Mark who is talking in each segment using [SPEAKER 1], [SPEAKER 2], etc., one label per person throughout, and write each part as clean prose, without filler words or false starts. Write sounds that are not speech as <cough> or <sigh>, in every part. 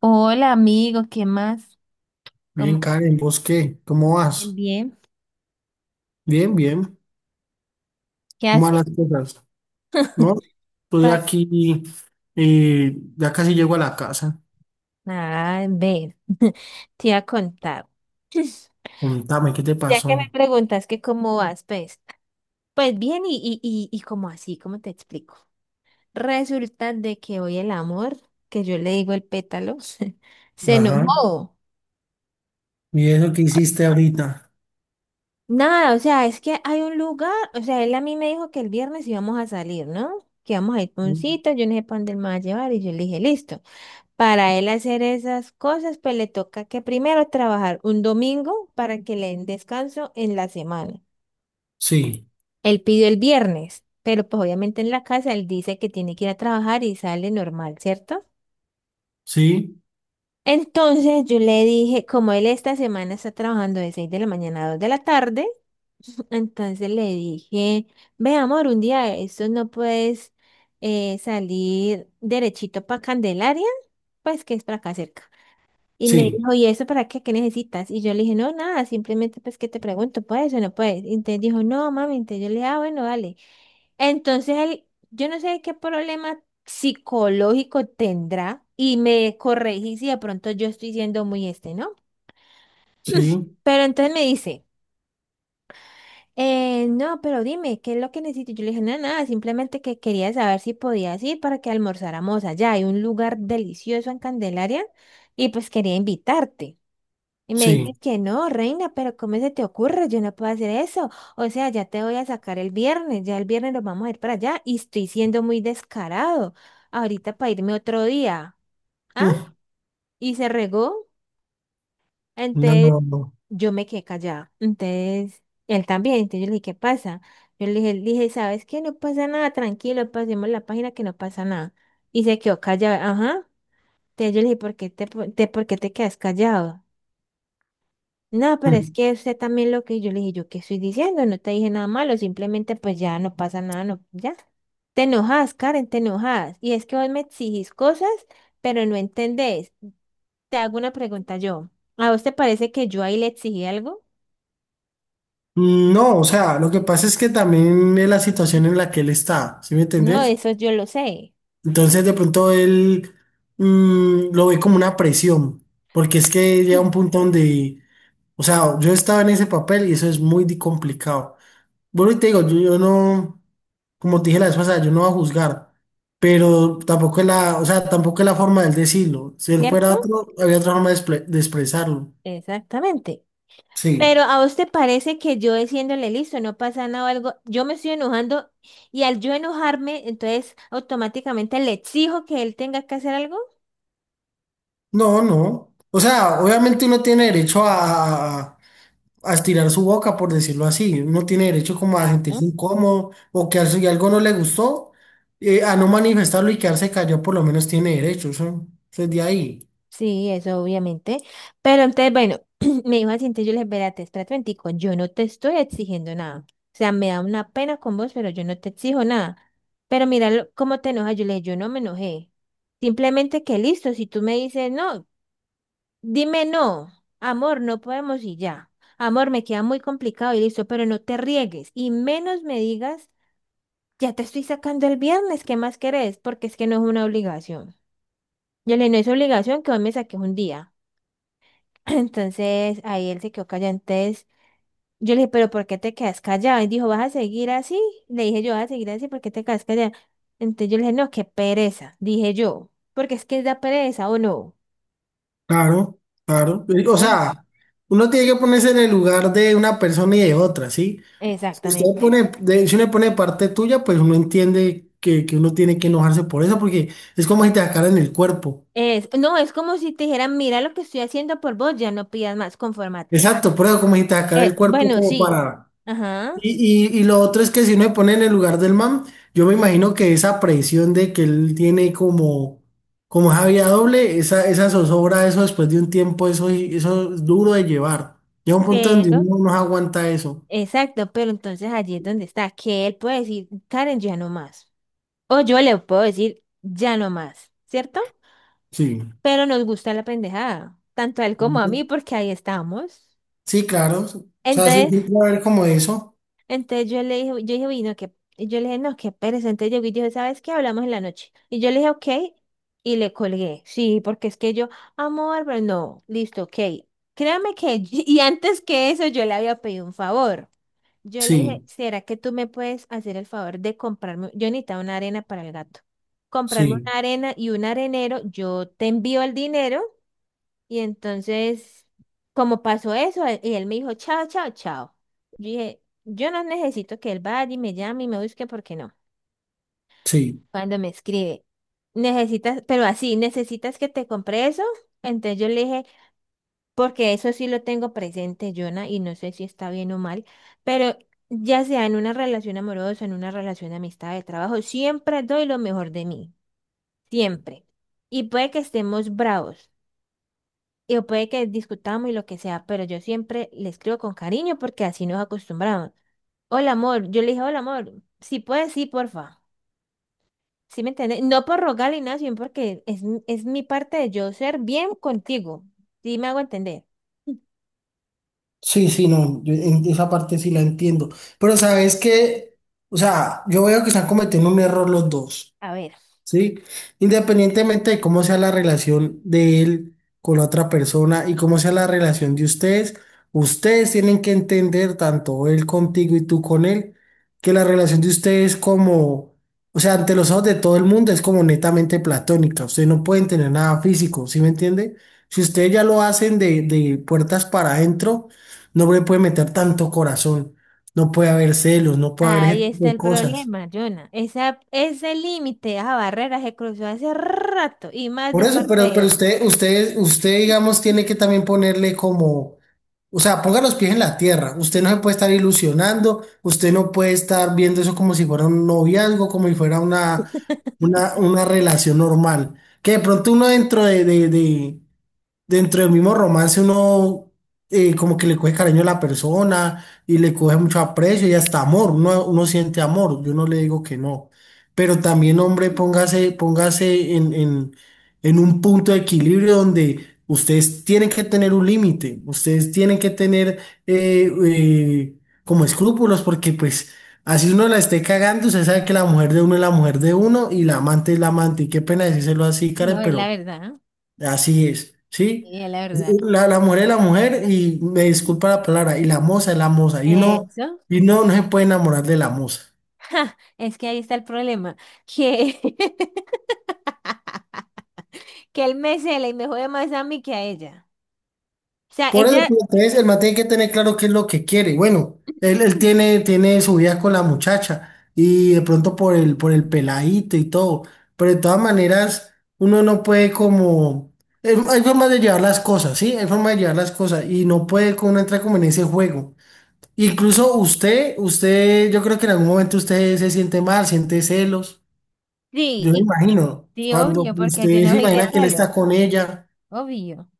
[SPEAKER 1] Hola amigo, ¿qué más?
[SPEAKER 2] Bien,
[SPEAKER 1] ¿Cómo
[SPEAKER 2] Karen, ¿vos qué? ¿Cómo
[SPEAKER 1] bien,
[SPEAKER 2] vas?
[SPEAKER 1] bien?
[SPEAKER 2] Bien, bien.
[SPEAKER 1] ¿Qué
[SPEAKER 2] ¿Cómo van
[SPEAKER 1] hace?
[SPEAKER 2] las cosas? No, estoy
[SPEAKER 1] Pa-
[SPEAKER 2] aquí, ya casi llego a la casa.
[SPEAKER 1] Nada, ver, <laughs> te iba a contar. <laughs>
[SPEAKER 2] Contame, ¿qué te
[SPEAKER 1] Ya que me
[SPEAKER 2] pasó?
[SPEAKER 1] preguntas que cómo vas, pues, pues bien y como así, ¿cómo te explico? Resulta de que hoy el amor, que yo le digo el pétalo, <laughs> se
[SPEAKER 2] Ajá.
[SPEAKER 1] enojó.
[SPEAKER 2] ¿Y eso que hiciste ahorita?
[SPEAKER 1] Nada, o sea, es que hay un lugar, o sea, él a mí me dijo que el viernes íbamos a salir, ¿no? Que íbamos a ir pa' un sitio, yo no sé para dónde él me va a llevar y yo le dije, listo. Para él hacer esas cosas, pues le toca que primero trabajar un domingo para que le den descanso en la semana.
[SPEAKER 2] Sí,
[SPEAKER 1] Él pidió el viernes, pero pues obviamente en la casa él dice que tiene que ir a trabajar y sale normal, ¿cierto?
[SPEAKER 2] sí,
[SPEAKER 1] Entonces yo le dije, como él esta semana está trabajando de 6 de la mañana a 2 de la tarde, <laughs> entonces le dije, ve amor, un día de estos no puedes salir derechito para Candelaria, pues que es para acá cerca. Y me
[SPEAKER 2] sí,
[SPEAKER 1] dijo, ¿y eso para qué? ¿Qué necesitas? Y yo le dije, no, nada, simplemente pues que te pregunto, ¿puedes o no puedes? Y entonces dijo, no, mami, entonces yo le dije, ah, bueno, vale. Entonces él, yo no sé qué problema psicológico tendrá y me corregí si de pronto yo estoy siendo muy este, ¿no?
[SPEAKER 2] sí,
[SPEAKER 1] Pero entonces me dice, no, pero dime, ¿qué es lo que necesito? Yo le dije, no, nada, simplemente que quería saber si podías ir para que almorzáramos allá. Hay un lugar delicioso en Candelaria y pues quería invitarte. Y me
[SPEAKER 2] sí.
[SPEAKER 1] dices que no, reina, pero ¿cómo se te ocurre? Yo no puedo hacer eso. O sea, ya te voy a sacar el viernes, ya el viernes nos vamos a ir para allá y estoy siendo muy descarado. Ahorita para irme otro día. ¿Ah?
[SPEAKER 2] Mm.
[SPEAKER 1] Y se regó.
[SPEAKER 2] No,
[SPEAKER 1] Entonces
[SPEAKER 2] no, no.
[SPEAKER 1] yo me quedé callada. Entonces él también. Entonces yo le dije, ¿qué pasa? Yo le dije, ¿sabes qué? No pasa nada, tranquilo, pasemos la página que no pasa nada. Y se quedó callado. Ajá. Entonces yo le dije, ¿por qué por qué te quedas callado? No, pero es
[SPEAKER 2] Mm.
[SPEAKER 1] que usted también lo que yo le dije, yo qué estoy diciendo, no te dije nada malo, simplemente pues ya no pasa nada, no, ya. Te enojas, Karen, te enojas. Y es que vos me exigís cosas, pero no entendés. Te hago una pregunta yo. ¿A vos te parece que yo ahí le exigí algo?
[SPEAKER 2] No, o sea, lo que pasa es que también es la situación en la que él está, ¿sí me
[SPEAKER 1] No,
[SPEAKER 2] entendés?
[SPEAKER 1] eso yo lo sé.
[SPEAKER 2] Entonces de pronto él lo ve como una presión, porque es que llega un
[SPEAKER 1] <clears throat>
[SPEAKER 2] punto donde, o sea, yo estaba en ese papel y eso es muy complicado. Bueno, y te digo, yo no, como te dije la vez pasada, yo no voy a juzgar, pero tampoco es la, o sea, tampoco es la forma de decirlo. Si él
[SPEAKER 1] ¿Cierto?
[SPEAKER 2] fuera otro, había otra forma de, de expresarlo.
[SPEAKER 1] Exactamente.
[SPEAKER 2] Sí.
[SPEAKER 1] Pero a vos te parece que yo diciéndole listo, no pasa nada o algo, yo me estoy enojando y al yo enojarme, entonces automáticamente le exijo que él tenga que hacer algo.
[SPEAKER 2] No, no. O sea, obviamente uno tiene derecho a estirar su boca, por decirlo así. Uno tiene derecho como a sentirse
[SPEAKER 1] Claro.
[SPEAKER 2] incómodo o que si algo no le gustó, a no manifestarlo y quedarse callado, por lo menos tiene derecho. Eso es de ahí.
[SPEAKER 1] Sí, eso obviamente. Pero entonces, bueno, <clears throat> me dijo así, entonces yo le dije, espérate, espérate, momentico, yo no te estoy exigiendo nada. O sea, me da una pena con vos, pero yo no te exijo nada. Pero mira cómo te enojas. Yo le dije, yo no me enojé. Simplemente que listo, si tú me dices, no, dime no, amor, no podemos y ya. Amor, me queda muy complicado y listo, pero no te riegues. Y menos me digas, ya te estoy sacando el viernes, ¿qué más querés? Porque es que no es una obligación. Yo le dije, no es obligación que hoy me saques un día. <clears throat> Entonces ahí él se quedó callado. Entonces yo le dije, pero ¿por qué te quedas callado? Y dijo, ¿vas a seguir así? Le dije yo, ¿vas a seguir así? ¿Por qué te quedas callado? Entonces yo le dije, no, qué pereza, dije yo, porque es que da pereza o no.
[SPEAKER 2] Claro, claro. O
[SPEAKER 1] Uy.
[SPEAKER 2] sea, uno tiene que ponerse en el lugar de una persona y de otra, ¿sí? Si usted
[SPEAKER 1] Exactamente.
[SPEAKER 2] pone, si uno pone parte tuya, pues uno entiende que uno tiene que enojarse por eso, porque es como si te sacaran el cuerpo.
[SPEAKER 1] Es, no, es como si te dijeran, mira lo que estoy haciendo por vos, ya no pidas más, conformate.
[SPEAKER 2] Exacto, pero como si te sacaran el cuerpo
[SPEAKER 1] Bueno,
[SPEAKER 2] como
[SPEAKER 1] sí,
[SPEAKER 2] para...
[SPEAKER 1] ajá,
[SPEAKER 2] Y lo otro es que si uno se pone en el lugar del man, yo me imagino que esa presión de que él tiene como, como esa vía doble, esa zozobra, eso después de un tiempo, eso es duro de llevar. Llega un punto donde
[SPEAKER 1] pero,
[SPEAKER 2] uno no aguanta eso.
[SPEAKER 1] exacto, pero entonces allí es donde está, que él puede decir, Karen, ya no más. O yo le puedo decir, ya no más, ¿cierto?
[SPEAKER 2] Sí.
[SPEAKER 1] Pero nos gusta la pendejada, tanto a él como a mí, porque ahí estamos.
[SPEAKER 2] Sí, claro. O sea, sí,
[SPEAKER 1] Entonces,
[SPEAKER 2] siempre va a haber como eso.
[SPEAKER 1] entonces yo le dije, yo dije, uy, no, qué, y yo le dije, no, qué pereza. Entonces llegó y dijo, ¿sabes qué? Hablamos en la noche. Y yo le dije, ok, y le colgué. Sí, porque es que yo, amor, pero no, listo, ok. Créame que, <laughs> y antes que eso, yo le había pedido un favor. Yo le dije,
[SPEAKER 2] Sí,
[SPEAKER 1] ¿será que tú me puedes hacer el favor de comprarme? Yo necesitaba una arena para el gato. Comprarme
[SPEAKER 2] sí,
[SPEAKER 1] una arena y un arenero, yo te envío el dinero. Y entonces, como pasó eso, él me dijo, chao, chao, chao. Yo dije, yo no necesito que él vaya y me llame y me busque porque no.
[SPEAKER 2] sí.
[SPEAKER 1] Cuando me escribe, necesitas, pero así, necesitas que te compre eso. Entonces yo le dije, porque eso sí lo tengo presente, Jonah, y no sé si está bien o mal, pero ya sea en una relación amorosa, en una relación de amistad, de trabajo, siempre doy lo mejor de mí, siempre. Y puede que estemos bravos. Y o puede que discutamos y lo que sea, pero yo siempre le escribo con cariño porque así nos acostumbramos. Hola, amor. Yo le dije, hola, amor. Si puedes, sí, porfa. ¿Sí me entiendes? No por rogarle nada, sino porque es, es mi parte de yo ser bien contigo. ¿Sí me hago entender?
[SPEAKER 2] Sí, sí, no. Yo en esa parte sí la entiendo. Pero sabes que, o sea, yo veo que están cometiendo un error los dos.
[SPEAKER 1] A ver.
[SPEAKER 2] ¿Sí? Independientemente de cómo sea la relación de él con la otra persona y cómo sea la relación de ustedes, ustedes tienen que entender, tanto él contigo y tú con él, que la relación de ustedes como, o sea, ante los ojos de todo el mundo es como netamente platónica, ustedes no pueden tener nada físico, ¿sí me entiende? Si ustedes ya lo hacen de puertas para adentro, no le puede meter tanto corazón, no puede haber celos, no puede haber
[SPEAKER 1] Ahí
[SPEAKER 2] ese tipo
[SPEAKER 1] está
[SPEAKER 2] de
[SPEAKER 1] el
[SPEAKER 2] cosas.
[SPEAKER 1] problema, Jonah. Esa, ese límite, esa barrera se cruzó hace rato y más
[SPEAKER 2] Por
[SPEAKER 1] de
[SPEAKER 2] eso,
[SPEAKER 1] parte de
[SPEAKER 2] pero
[SPEAKER 1] él.
[SPEAKER 2] usted, digamos, tiene que también ponerle como, o sea, ponga los pies en la tierra. Usted no se puede estar ilusionando, usted no puede estar viendo eso como si fuera un noviazgo, como si fuera una,
[SPEAKER 1] <laughs>
[SPEAKER 2] una, una relación normal. Que de pronto uno dentro dentro del mismo romance uno como que le coge cariño a la persona y le coge mucho aprecio y hasta amor, uno, uno siente amor, yo no le digo que no, pero también hombre, póngase, póngase en un punto de equilibrio donde ustedes tienen que tener un límite, ustedes tienen que tener eh, eh, como escrúpulos porque pues... Así uno la esté cagando, usted sabe que la mujer de uno es la mujer de uno y la amante es la amante. Y qué pena decírselo así,
[SPEAKER 1] No,
[SPEAKER 2] Karen,
[SPEAKER 1] es la
[SPEAKER 2] pero
[SPEAKER 1] verdad.
[SPEAKER 2] así es, ¿sí?
[SPEAKER 1] Y es la verdad.
[SPEAKER 2] La mujer es la mujer y me disculpa la palabra, y la moza es la moza, y uno,
[SPEAKER 1] Eso.
[SPEAKER 2] y no se puede enamorar de la moza.
[SPEAKER 1] <laughs> Ja, es que ahí está el problema, que, <laughs> que él me cela y me jode más a mí que a ella. O sea,
[SPEAKER 2] Por eso,
[SPEAKER 1] ella,
[SPEAKER 2] pues, entonces, el man tiene que tener claro qué es lo que quiere. Bueno, él tiene, tiene su vida con la muchacha y de pronto por por el peladito y todo, pero de todas maneras, uno no puede como... Hay formas de llevar las cosas, ¿sí? Hay formas de llevar las cosas y no puede como uno entrar como en ese juego. Incluso usted, yo creo que en algún momento usted se siente mal, siente celos.
[SPEAKER 1] sí,
[SPEAKER 2] Yo me
[SPEAKER 1] y
[SPEAKER 2] imagino,
[SPEAKER 1] sí,
[SPEAKER 2] cuando
[SPEAKER 1] obvio, porque yo
[SPEAKER 2] usted
[SPEAKER 1] no
[SPEAKER 2] se
[SPEAKER 1] soy de
[SPEAKER 2] imagina que él
[SPEAKER 1] palo,
[SPEAKER 2] está con ella,
[SPEAKER 1] obvio.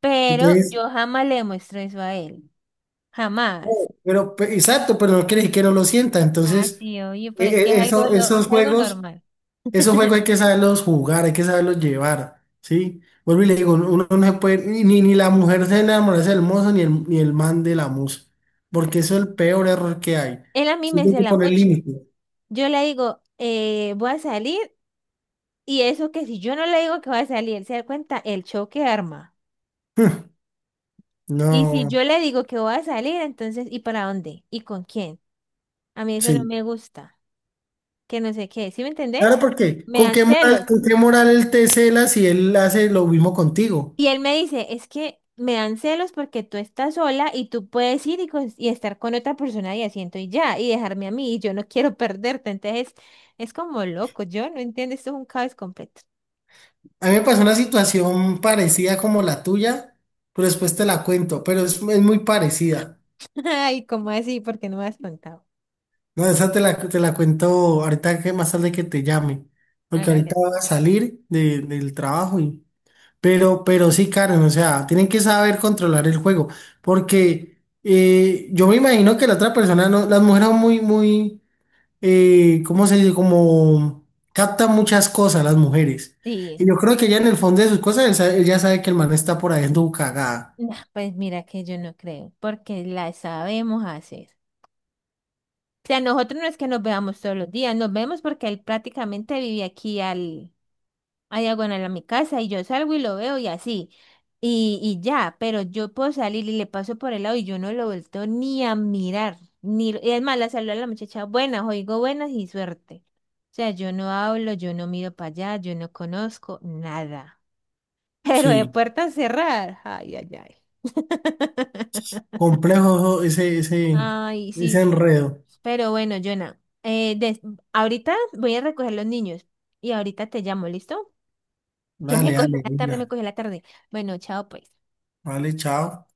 [SPEAKER 1] Pero
[SPEAKER 2] entonces,
[SPEAKER 1] yo jamás le muestro eso a él, jamás.
[SPEAKER 2] oh, pero exacto, pero no quiere decir que no lo sienta.
[SPEAKER 1] Ah,
[SPEAKER 2] Entonces,
[SPEAKER 1] sí, obvio, pero es que es algo,
[SPEAKER 2] eso,
[SPEAKER 1] es algo normal.
[SPEAKER 2] esos juegos hay
[SPEAKER 1] <laughs>
[SPEAKER 2] que saberlos jugar, hay que saberlos llevar, ¿sí? Vuelvo y le digo, uno no se puede, ni la mujer se enamorarse del mozo, ni el man de la musa, porque eso es el peor error que hay.
[SPEAKER 1] Él a mí
[SPEAKER 2] Sí,
[SPEAKER 1] me
[SPEAKER 2] hay que
[SPEAKER 1] cela
[SPEAKER 2] poner
[SPEAKER 1] mucho.
[SPEAKER 2] límites.
[SPEAKER 1] Yo le digo, voy a salir, y eso que si yo no le digo que voy a salir, se da cuenta el choque arma. Y si
[SPEAKER 2] No,
[SPEAKER 1] yo le digo que voy a salir, entonces, ¿y para dónde? ¿Y con quién? A mí eso no
[SPEAKER 2] sí.
[SPEAKER 1] me gusta, que no sé qué, ¿sí me entendés?
[SPEAKER 2] Claro, porque
[SPEAKER 1] Me dan celos.
[SPEAKER 2] con qué moral él te cela si él hace lo mismo contigo?
[SPEAKER 1] Y él me dice, es que me dan celos porque tú estás sola y tú puedes ir y, y estar con otra persona y asiento y ya, y dejarme a mí, y yo no <laughs> quiero perderte. Entonces, es como loco, yo no entiendo, esto es un caos completo.
[SPEAKER 2] A mí me pasó una situación parecida como la tuya, pero después te la cuento, pero es muy parecida.
[SPEAKER 1] <laughs> Ay, ¿cómo así? ¿Por qué no me has contado?
[SPEAKER 2] No, esa te la cuento ahorita que más tarde que te llame, porque ahorita
[SPEAKER 1] Hágale.
[SPEAKER 2] voy a salir del trabajo y... pero sí, Karen, o sea, tienen que saber controlar el juego, porque yo me imagino que la otra persona no, las mujeres son muy, muy ¿cómo se dice? Como capta muchas cosas las mujeres.
[SPEAKER 1] Sí,
[SPEAKER 2] Y yo creo que ella en el fondo de sus cosas, ella sabe que el man está por ahí en tu cagada.
[SPEAKER 1] no, pues mira que yo no creo, porque la sabemos hacer. Sea, nosotros no es que nos veamos todos los días, nos vemos porque él prácticamente vive aquí al, a diagonal a mi casa y yo salgo y lo veo y así. Y ya, pero yo puedo salir y le paso por el lado y yo no lo vuelto ni a mirar. Ni, y es más, la saludo a la muchacha, buenas, oigo buenas y suerte. O sea, yo no hablo, yo no miro para allá, yo no conozco nada. <laughs> Pero de
[SPEAKER 2] Sí,
[SPEAKER 1] puertas cerradas, ay, ay, ay. <laughs>
[SPEAKER 2] complejo ese, ese,
[SPEAKER 1] Ay,
[SPEAKER 2] ese
[SPEAKER 1] sí.
[SPEAKER 2] enredo.
[SPEAKER 1] Pero bueno, Jonah, ahorita voy a recoger los niños y ahorita te llamo, ¿listo? Que me
[SPEAKER 2] Dale,
[SPEAKER 1] <laughs> cogió
[SPEAKER 2] dale,
[SPEAKER 1] la tarde,
[SPEAKER 2] venga.
[SPEAKER 1] me cogió la tarde. Bueno, chao, pues.
[SPEAKER 2] Vale, chao.